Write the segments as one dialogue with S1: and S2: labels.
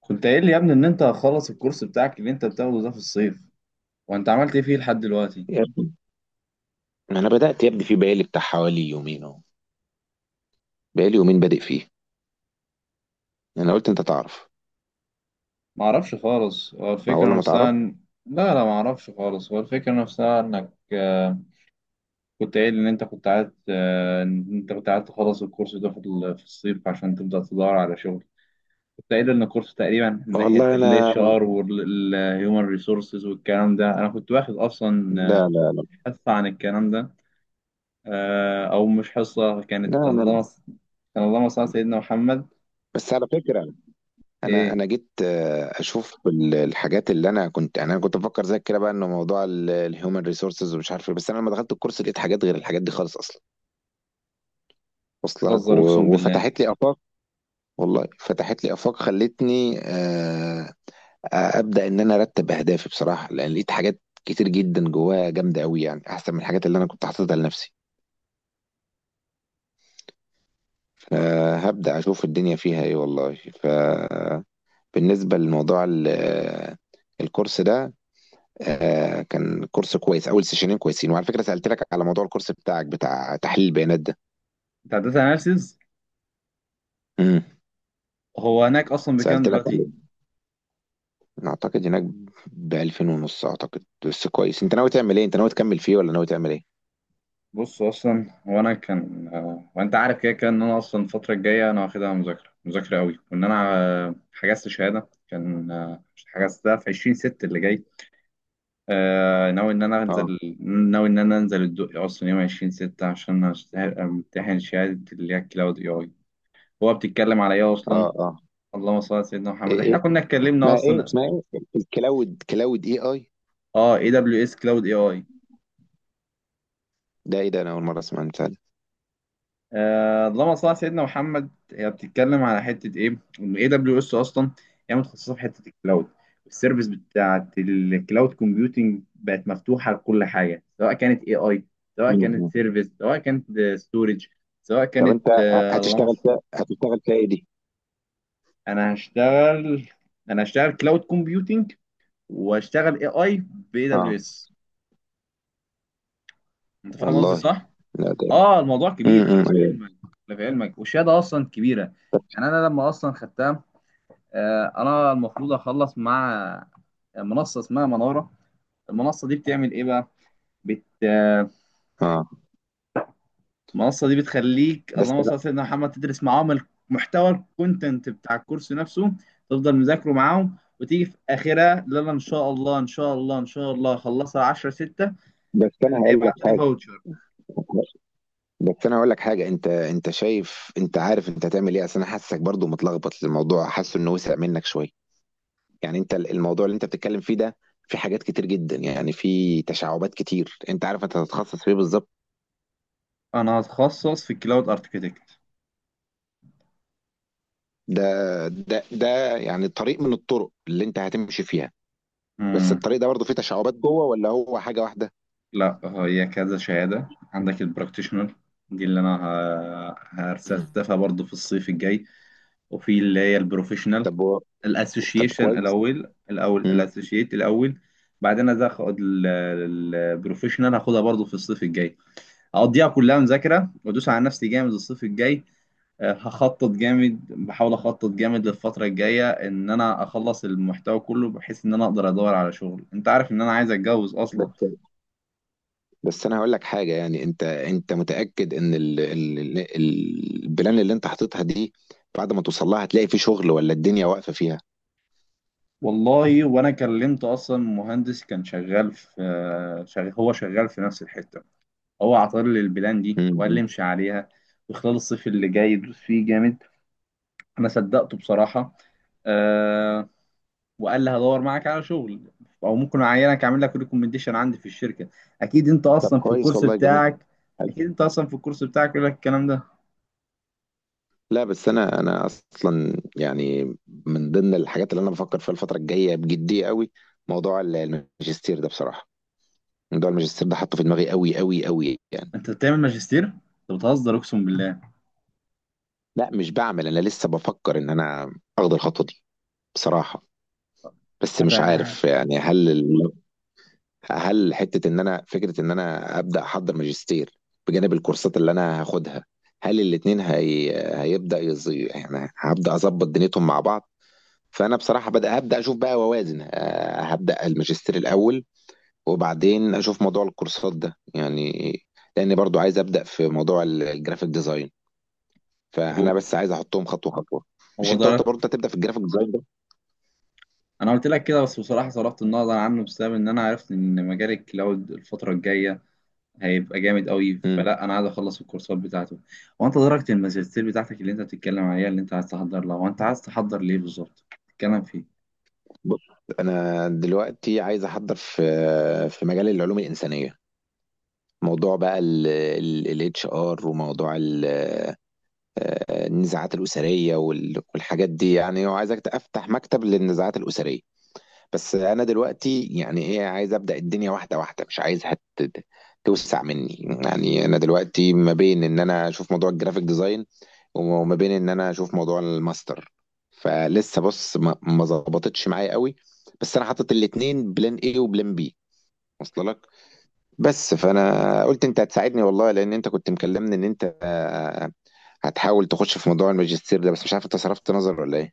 S1: كنت قايل لي يا ابني ان انت هتخلص الكورس بتاعك اللي انت بتاخده ده في الصيف، وانت عملت ايه فيه لحد دلوقتي؟
S2: يا ابني، انا بدات يا ابني في بقالي بتاع حوالي يومين اهو. بقالي يومين بادئ فيه. انا قلت انت تعرف
S1: ما اعرفش خالص، هو
S2: اول
S1: الفكره
S2: ما تعرف.
S1: نفسها لا لا، ما اعرفش خالص، هو الفكره نفسها انك كنت قايل ان انت كنت عايز ان انت كنت عايز تخلص الكورس ده في في الصيف عشان تبدا تدور على شغل. كنت قايل ان الكورس تقريبا من ناحيه
S2: والله انا،
S1: الاتش ار والهيومن ريسورسز والكلام ده انا كنت واخد
S2: لا،
S1: اصلا
S2: لا،
S1: حصه عن الكلام ده. او مش حصه، كانت
S2: لا، انا
S1: كان اللهم صل على سيدنا محمد.
S2: بس على فكره. انا
S1: ايه؟
S2: انا جيت، اشوف الحاجات اللي انا كنت يعني انا كنت بفكر زيك كده بقى انه موضوع الهيومن ريسورسز ومش عارف ايه. بس انا لما دخلت الكورس لقيت حاجات غير الحاجات دي خالص اصلا. وصل لك؟
S1: بتهزر اقسم بالله!
S2: وفتحت لي افاق. والله فتحت لي افاق خلتني ابدا ان انا ارتب اهدافي بصراحه، لان لقيت حاجات كتير جدا جواها جامده قوي، يعني احسن من الحاجات اللي انا كنت حاططها لنفسي. فهبدا اشوف الدنيا فيها ايه والله. فبالنسبه لموضوع الكورس ده، كان كورس كويس. اول سيشنين كويسين. وعلى فكره، سالت لك على موضوع الكورس بتاعك بتاع تحليل البيانات ده.
S1: انت عديت اناليسيز؟
S2: امم،
S1: هو هناك اصلا بكام
S2: سالت لك
S1: دلوقتي؟
S2: عليه. أنا اعتقد هناك ب 2000 ونص اعتقد. بس كويس، انت ناوي تعمل ايه؟ انت ناوي تكمل فيه ولا ناوي تعمل ايه؟
S1: بص اصلا هو انا كان وانت عارف كده كده ان انا اصلا الفتره الجايه انا واخدها مذاكره مذاكره قوي، وان انا حجزت شهاده، كان حجزتها في 20 ست اللي جاي. آه، ناوي ان انا
S2: اه،
S1: انزل ناوي ان انا انزل الدقي اصلا يوم 20 ستة عشان امتحن شهاده اللي هي كلاود اي اي. هو بتتكلم على ايه اصلا؟
S2: اه، اه،
S1: اللهم صل على سيدنا محمد، احنا
S2: ايه؟
S1: كنا اتكلمنا
S2: اسمها ايه
S1: اصلا.
S2: اسمها ايه الكلاود كلاود اي اي؟
S1: اه، اي دبليو اس كلاود اي اي.
S2: ده ايه ده؟ انا اول مره اسمع عن بتاع ده.
S1: اللهم صل على سيدنا محمد، هي بتتكلم على حته ايه ان اي دبليو اس اصلا. هي متخصصه في حته الكلاود، السيرفيس بتاعت الكلاود كومبيوتنج بقت مفتوحه لكل حاجه، سواء كانت اي اي، سواء كانت
S2: مم.
S1: سيرفيس، سواء كانت ستورج، سواء
S2: طب
S1: كانت
S2: انت
S1: اللهم
S2: هتشتغل
S1: صل.
S2: فيها؟ هتشتغل فيها ايه دي؟
S1: انا هشتغل انا هشتغل كلاود كومبيوتنج، واشتغل اي اي باي
S2: اه،
S1: دبليو اس. انت فاهم قصدي
S2: والله
S1: صح؟
S2: لا، ده
S1: اه، الموضوع كبير،
S2: امم،
S1: خلي في
S2: ايوه،
S1: علمك. خلي في علمك، والشهاده اصلا كبيره. يعني انا لما اصلا خدتها، انا المفروض اخلص مع منصه اسمها مناره. المنصه دي بتعمل ايه بقى؟ بت آه،
S2: اه.
S1: المنصه دي بتخليك،
S2: بس
S1: اللهم صل
S2: أنا-
S1: على سيدنا محمد، تدرس معاهم المحتوى، الكونتنت بتاع الكورس نفسه، تفضل مذاكره معاهم وتيجي في اخرها. لا لا، ان شاء الله ان شاء الله ان شاء الله، خلصها 10 6،
S2: بس انا هقول لك
S1: هيبعتوا لي
S2: حاجه.
S1: فاوتشر.
S2: انت شايف، انت عارف انت هتعمل ايه؟ اصل انا حاسسك برضو متلخبط، الموضوع حاسه انه وسع منك شويه. يعني انت، الموضوع اللي انت بتتكلم فيه ده، في حاجات كتير جدا، يعني في تشعبات كتير. انت عارف انت هتتخصص في ايه بالظبط؟
S1: انا هتخصص في الكلاود اركتكت.
S2: ده ده يعني طريق من الطرق اللي انت هتمشي فيها. بس
S1: امم.
S2: الطريق ده برضه فيه تشعبات جوه ولا هو حاجة واحدة؟
S1: لا، هي كذا شهاده، عندك البراكتيشنر، دي اللي
S2: مم.
S1: هرسلتها برضه في الصيف الجاي، وفي اللي هي البروفيشنال.
S2: طب و... طب
S1: الاسوشيشن
S2: كويس.
S1: الاول الاول
S2: مم.
S1: الاسوشيت الاول. بعدين أنا هاخد البروفيشنال، هاخدها برضو في الصيف الجاي، هقضيها كلها مذاكره، وادوس على نفسي جامد الصيف الجاي. هخطط جامد، بحاول اخطط جامد للفتره الجايه ان انا اخلص المحتوى كله، بحيث ان انا اقدر ادور على شغل. انت عارف ان انا عايز اتجوز
S2: بس
S1: اصلا.
S2: بس انا هقول لك حاجة، يعني انت متأكد ان البلان اللي انت حاططها دي، بعد ما توصل لها هتلاقي فيه شغل ولا الدنيا واقفة فيها؟
S1: والله وانا كلمت اصلا مهندس، كان شغال في هو شغال في نفس الحته. هو عطار لي البلان دي وقال لي
S2: مم.
S1: امشي عليها، وخلال الصيف اللي جاي يدوس فيه جامد. انا صدقته بصراحه. أه. وقال لي هدور معاك على شغل، او ممكن اعينك، اعمل لك ريكومنديشن عندي في الشركه. اكيد انت
S2: طب
S1: اصلا في
S2: كويس،
S1: الكورس
S2: والله جميل.
S1: بتاعك،
S2: حلو.
S1: اكيد انت اصلا في الكورس بتاعك يقول لك الكلام ده.
S2: لا، بس انا اصلا يعني، من ضمن الحاجات اللي انا بفكر فيها الفترة الجاية بجدية قوي، موضوع الماجستير ده بصراحة. موضوع الماجستير ده حاطه في دماغي قوي قوي قوي، يعني.
S1: انت بتعمل ماجستير؟ انت بتهزر اقسم بالله!
S2: لا، مش بعمل. انا لسه بفكر ان انا اخد الخطوه دي بصراحه. بس مش
S1: أتع...
S2: عارف، يعني هل هل حته ان انا فكره ان انا ابدا احضر ماجستير بجانب الكورسات اللي انا هاخدها، هل الاتنين هي... يعني هبدا اظبط دنيتهم مع بعض. فانا بصراحه، هبدا اشوف بقى واوازن. هبدا الماجستير الاول وبعدين اشوف موضوع الكورسات ده، يعني. لاني برضو عايز ابدا في موضوع الجرافيك ديزاين. فانا بس عايز احطهم خطوه خطوه. مش
S1: هو
S2: انت قلت
S1: ضرب.
S2: برضه انت هتبدا في الجرافيك ديزاين ده؟
S1: انا قلت لك كده، بس بصراحه صرفت النظر عنه بسبب ان انا عرفت ان مجال الكلاود الفتره الجايه هيبقى جامد قوي،
S2: امم.
S1: فلا، انا عايز اخلص الكورسات بتاعته. هو انت درجة الماجستير بتاعتك اللي انت بتتكلم عليها، اللي انت عايز تحضر لها، وانت عايز تحضر ليه بالظبط؟ تتكلم فيه.
S2: بص، انا دلوقتي عايز احضر في، في مجال العلوم الانسانيه. موضوع بقى الاتش ار، وموضوع النزاعات الاسريه، والحاجات دي يعني. وعايزك افتح مكتب للنزاعات الاسريه. بس انا دلوقتي يعني ايه، عايز ابدا الدنيا واحده واحده، مش عايزها توسع مني. يعني انا دلوقتي ما بين ان انا اشوف موضوع الجرافيك ديزاين، وما بين ان انا اشوف موضوع الماستر. فلسه بص، ما ظبطتش معايا قوي. بس انا حاطط الاتنين، بلان ايه وبلان بي. وصل لك؟ بس فانا قلت انت هتساعدني والله، لان انت كنت مكلمني ان انت هتحاول تخش في موضوع الماجستير ده، بس مش عارف انت صرفت نظر ولا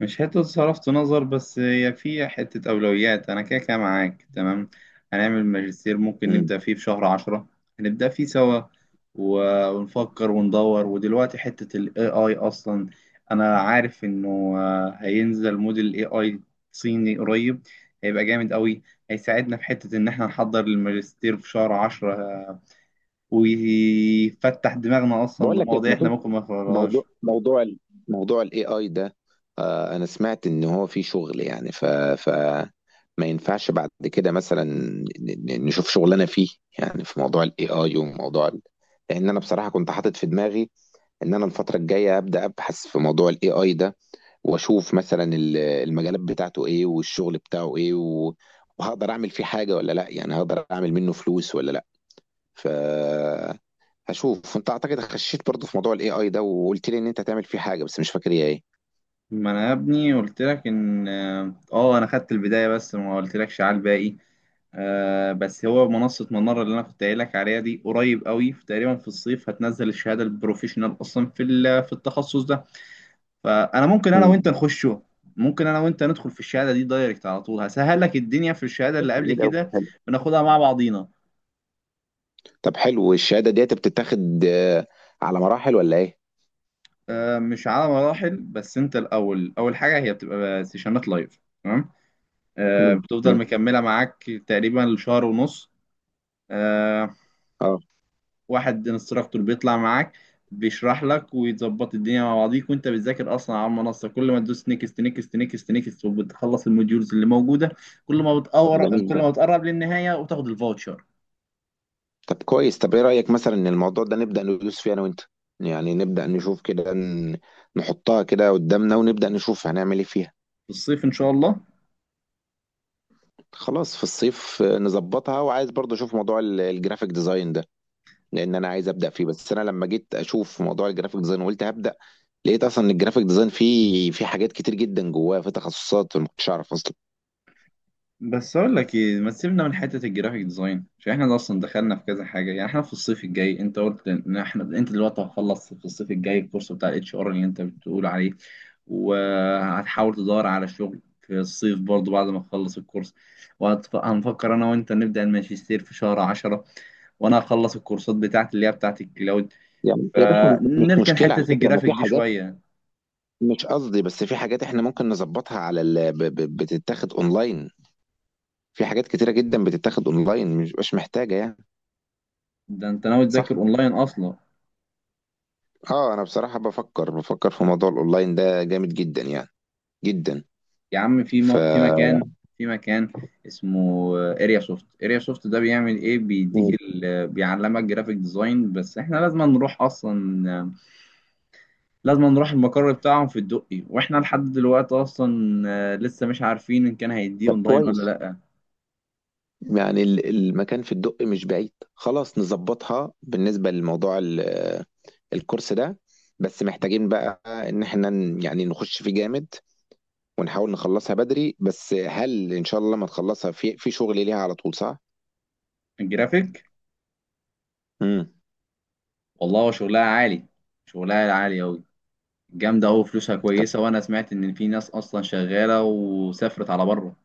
S1: مش حتة صرفت نظر، بس هي في حتة أولويات. أنا كده كده معاك تمام، هنعمل ماجستير، ممكن
S2: ايه.
S1: نبدأ فيه في شهر عشرة، هنبدأ فيه سوا، ونفكر وندور. ودلوقتي حتة ال AI أصلا، أنا عارف إنه هينزل موديل AI صيني قريب، هيبقى جامد قوي، هيساعدنا في حتة إن إحنا نحضر الماجستير في شهر عشرة. ويفتح دماغنا أصلا
S2: بقول لك إيه،
S1: لمواضيع
S2: ما
S1: إحنا
S2: فيش
S1: ممكن ما نقرأهاش.
S2: موضوع موضوع ال- موضوع الاي اي ده، آه، انا سمعت ان هو في شغل يعني. ف، ف، ما ينفعش بعد كده مثلا، نشوف شغلنا فيه؟ يعني في موضوع الاي اي، وموضوع ال... لان انا بصراحه كنت حاطط في دماغي ان انا الفتره الجايه ابدا ابحث في موضوع الاي اي ده، واشوف مثلا المجالات بتاعته ايه والشغل بتاعه ايه، و... وهقدر اعمل فيه حاجه ولا لا؟ يعني هقدر اعمل منه فلوس ولا لا؟ ف، هشوف. انت اعتقد خشيت برضه في موضوع الاي اي ده وقلت لي ان انت هتعمل فيه حاجه، بس مش فاكر هي ايه.
S1: ما انا يا ابني قلت لك ان اه، انا خدت البدايه بس ما قلتلكش على الباقي. آه، بس هو منصه مناره اللي انا كنت قايل لك عليها دي قريب قوي، في تقريبا في الصيف هتنزل الشهاده البروفيشنال اصلا في في التخصص ده، فانا ممكن انا
S2: مم.
S1: وانت نخشه. ممكن انا وانت ندخل في الشهاده دي دايركت على طول، هسهل لك الدنيا في الشهاده اللي قبل
S2: جميل أوي.
S1: كده،
S2: حلو.
S1: بناخدها مع بعضينا.
S2: طب، حلو الشهاده ديت بتتاخد على مراحل ولا ايه؟
S1: آه، مش على مراحل، بس انت الاول، اول حاجه هي بتبقى سيشنات لايف، تمام؟ آه،
S2: مم.
S1: بتفضل
S2: امم،
S1: مكمله معاك تقريبا لشهر ونص. آه.
S2: اه.
S1: واحد انستراكتور بيطلع معاك، بيشرح لك ويظبط الدنيا مع بعضيك، وانت بتذاكر اصلا على المنصه، كل ما تدوس نيكست نيكست نيكست نيكست وبتخلص الموديولز اللي موجوده،
S2: طب جميل، جميل
S1: كل ما
S2: ده.
S1: بتقرب للنهايه وتاخد الفاوتشر.
S2: طب كويس، طب ايه رايك مثلا ان الموضوع ده نبدا ندوس فيه انا وانت؟ يعني نبدا نشوف كده، نحطها كده قدامنا ونبدا نشوف هنعمل ايه فيها.
S1: في الصيف ان شاء الله.
S2: خلاص، في الصيف، نظبطها. وعايز برضه اشوف موضوع الجرافيك ديزاين ده، لان انا عايز ابدا فيه. بس انا لما جيت اشوف موضوع الجرافيك ديزاين وقلت هبدا، لقيت اصلا ان الجرافيك ديزاين فيه حاجات كتير جدا جواه، في تخصصات ما كنتش اعرف اصلا.
S1: بس اقول لك ايه، ما تسيبنا من حته الجرافيك ديزاين، عشان احنا اصلا دخلنا في كذا حاجه. يعني احنا في الصيف الجاي، انت قلت ان احنا، انت دلوقتي هتخلص في الصيف الجاي الكورس بتاع الاتش ار اللي انت بتقول عليه، وهتحاول تدور على شغل في الصيف برضو بعد ما تخلص الكورس، وهنفكر انا وانت نبدأ الماجستير في شهر عشرة، وانا هخلص الكورسات بتاعتي اللي هي بتاعت الكلاود،
S2: يعني يا باشا، مش
S1: فنركن
S2: مشكله على
S1: حتة
S2: فكره. ما في
S1: الجرافيك دي
S2: حاجات،
S1: شوية.
S2: مش قصدي، بس في حاجات احنا ممكن نظبطها على بتتاخد اونلاين. في حاجات كتيره جدا بتتاخد اونلاين، مش محتاجه يعني.
S1: ده انت ناوي تذاكر
S2: صح.
S1: اونلاين اصلا؟
S2: اه، انا بصراحه بفكر في موضوع الاونلاين ده جامد جدا، يعني جدا.
S1: يا عم، في
S2: ف،
S1: في مكان، في مكان اسمه اريا سوفت. اريا سوفت ده بيعمل ايه؟ بيديك
S2: مم.
S1: بيعلمك جرافيك ديزاين، بس احنا لازم نروح اصلا، لازم نروح المقر بتاعهم في الدقي، واحنا لحد دلوقتي اصلا لسه مش عارفين ان كان هيديه
S2: طب
S1: اونلاين
S2: كويس،
S1: ولا لا.
S2: يعني المكان في الدق مش بعيد. خلاص نظبطها. بالنسبة لموضوع الكورس ده، بس محتاجين بقى ان احنا، يعني نخش فيه جامد، ونحاول نخلصها بدري. بس هل ان شاء الله ما نخلصها، في شغل ليها على طول صح؟
S1: الجرافيك؟
S2: امم.
S1: والله هو شغلها عالي، شغلها عالي اوي، جامدة أوي، فلوسها كويسة، وأنا سمعت إن في ناس أصلا شغالة وسافرت على بره.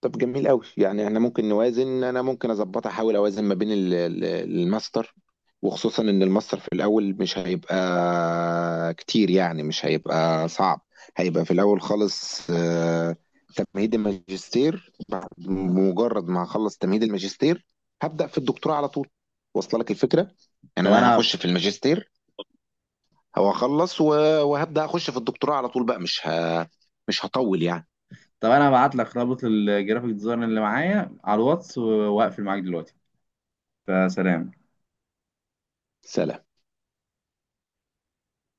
S2: طب جميل قوي، يعني احنا ممكن نوازن. انا ممكن اظبطها، احاول اوازن ما بين الماستر، وخصوصا ان الماستر في الاول مش هيبقى كتير، يعني مش هيبقى صعب. هيبقى في الاول خالص تمهيد الماجستير. بعد مجرد ما هخلص تمهيد الماجستير، هبدأ في الدكتوراه على طول. واصله لك الفكرة؟ يعني
S1: طب
S2: انا
S1: أنا
S2: هخش في الماجستير، هو اخلص وهبدأ اخش في الدكتوراه على طول بقى. مش هطول يعني.
S1: طب أنا هبعت لك رابط الجرافيك ديزاين اللي معايا على الواتس، وأقفل معاك دلوقتي. فسلام.
S2: سلام.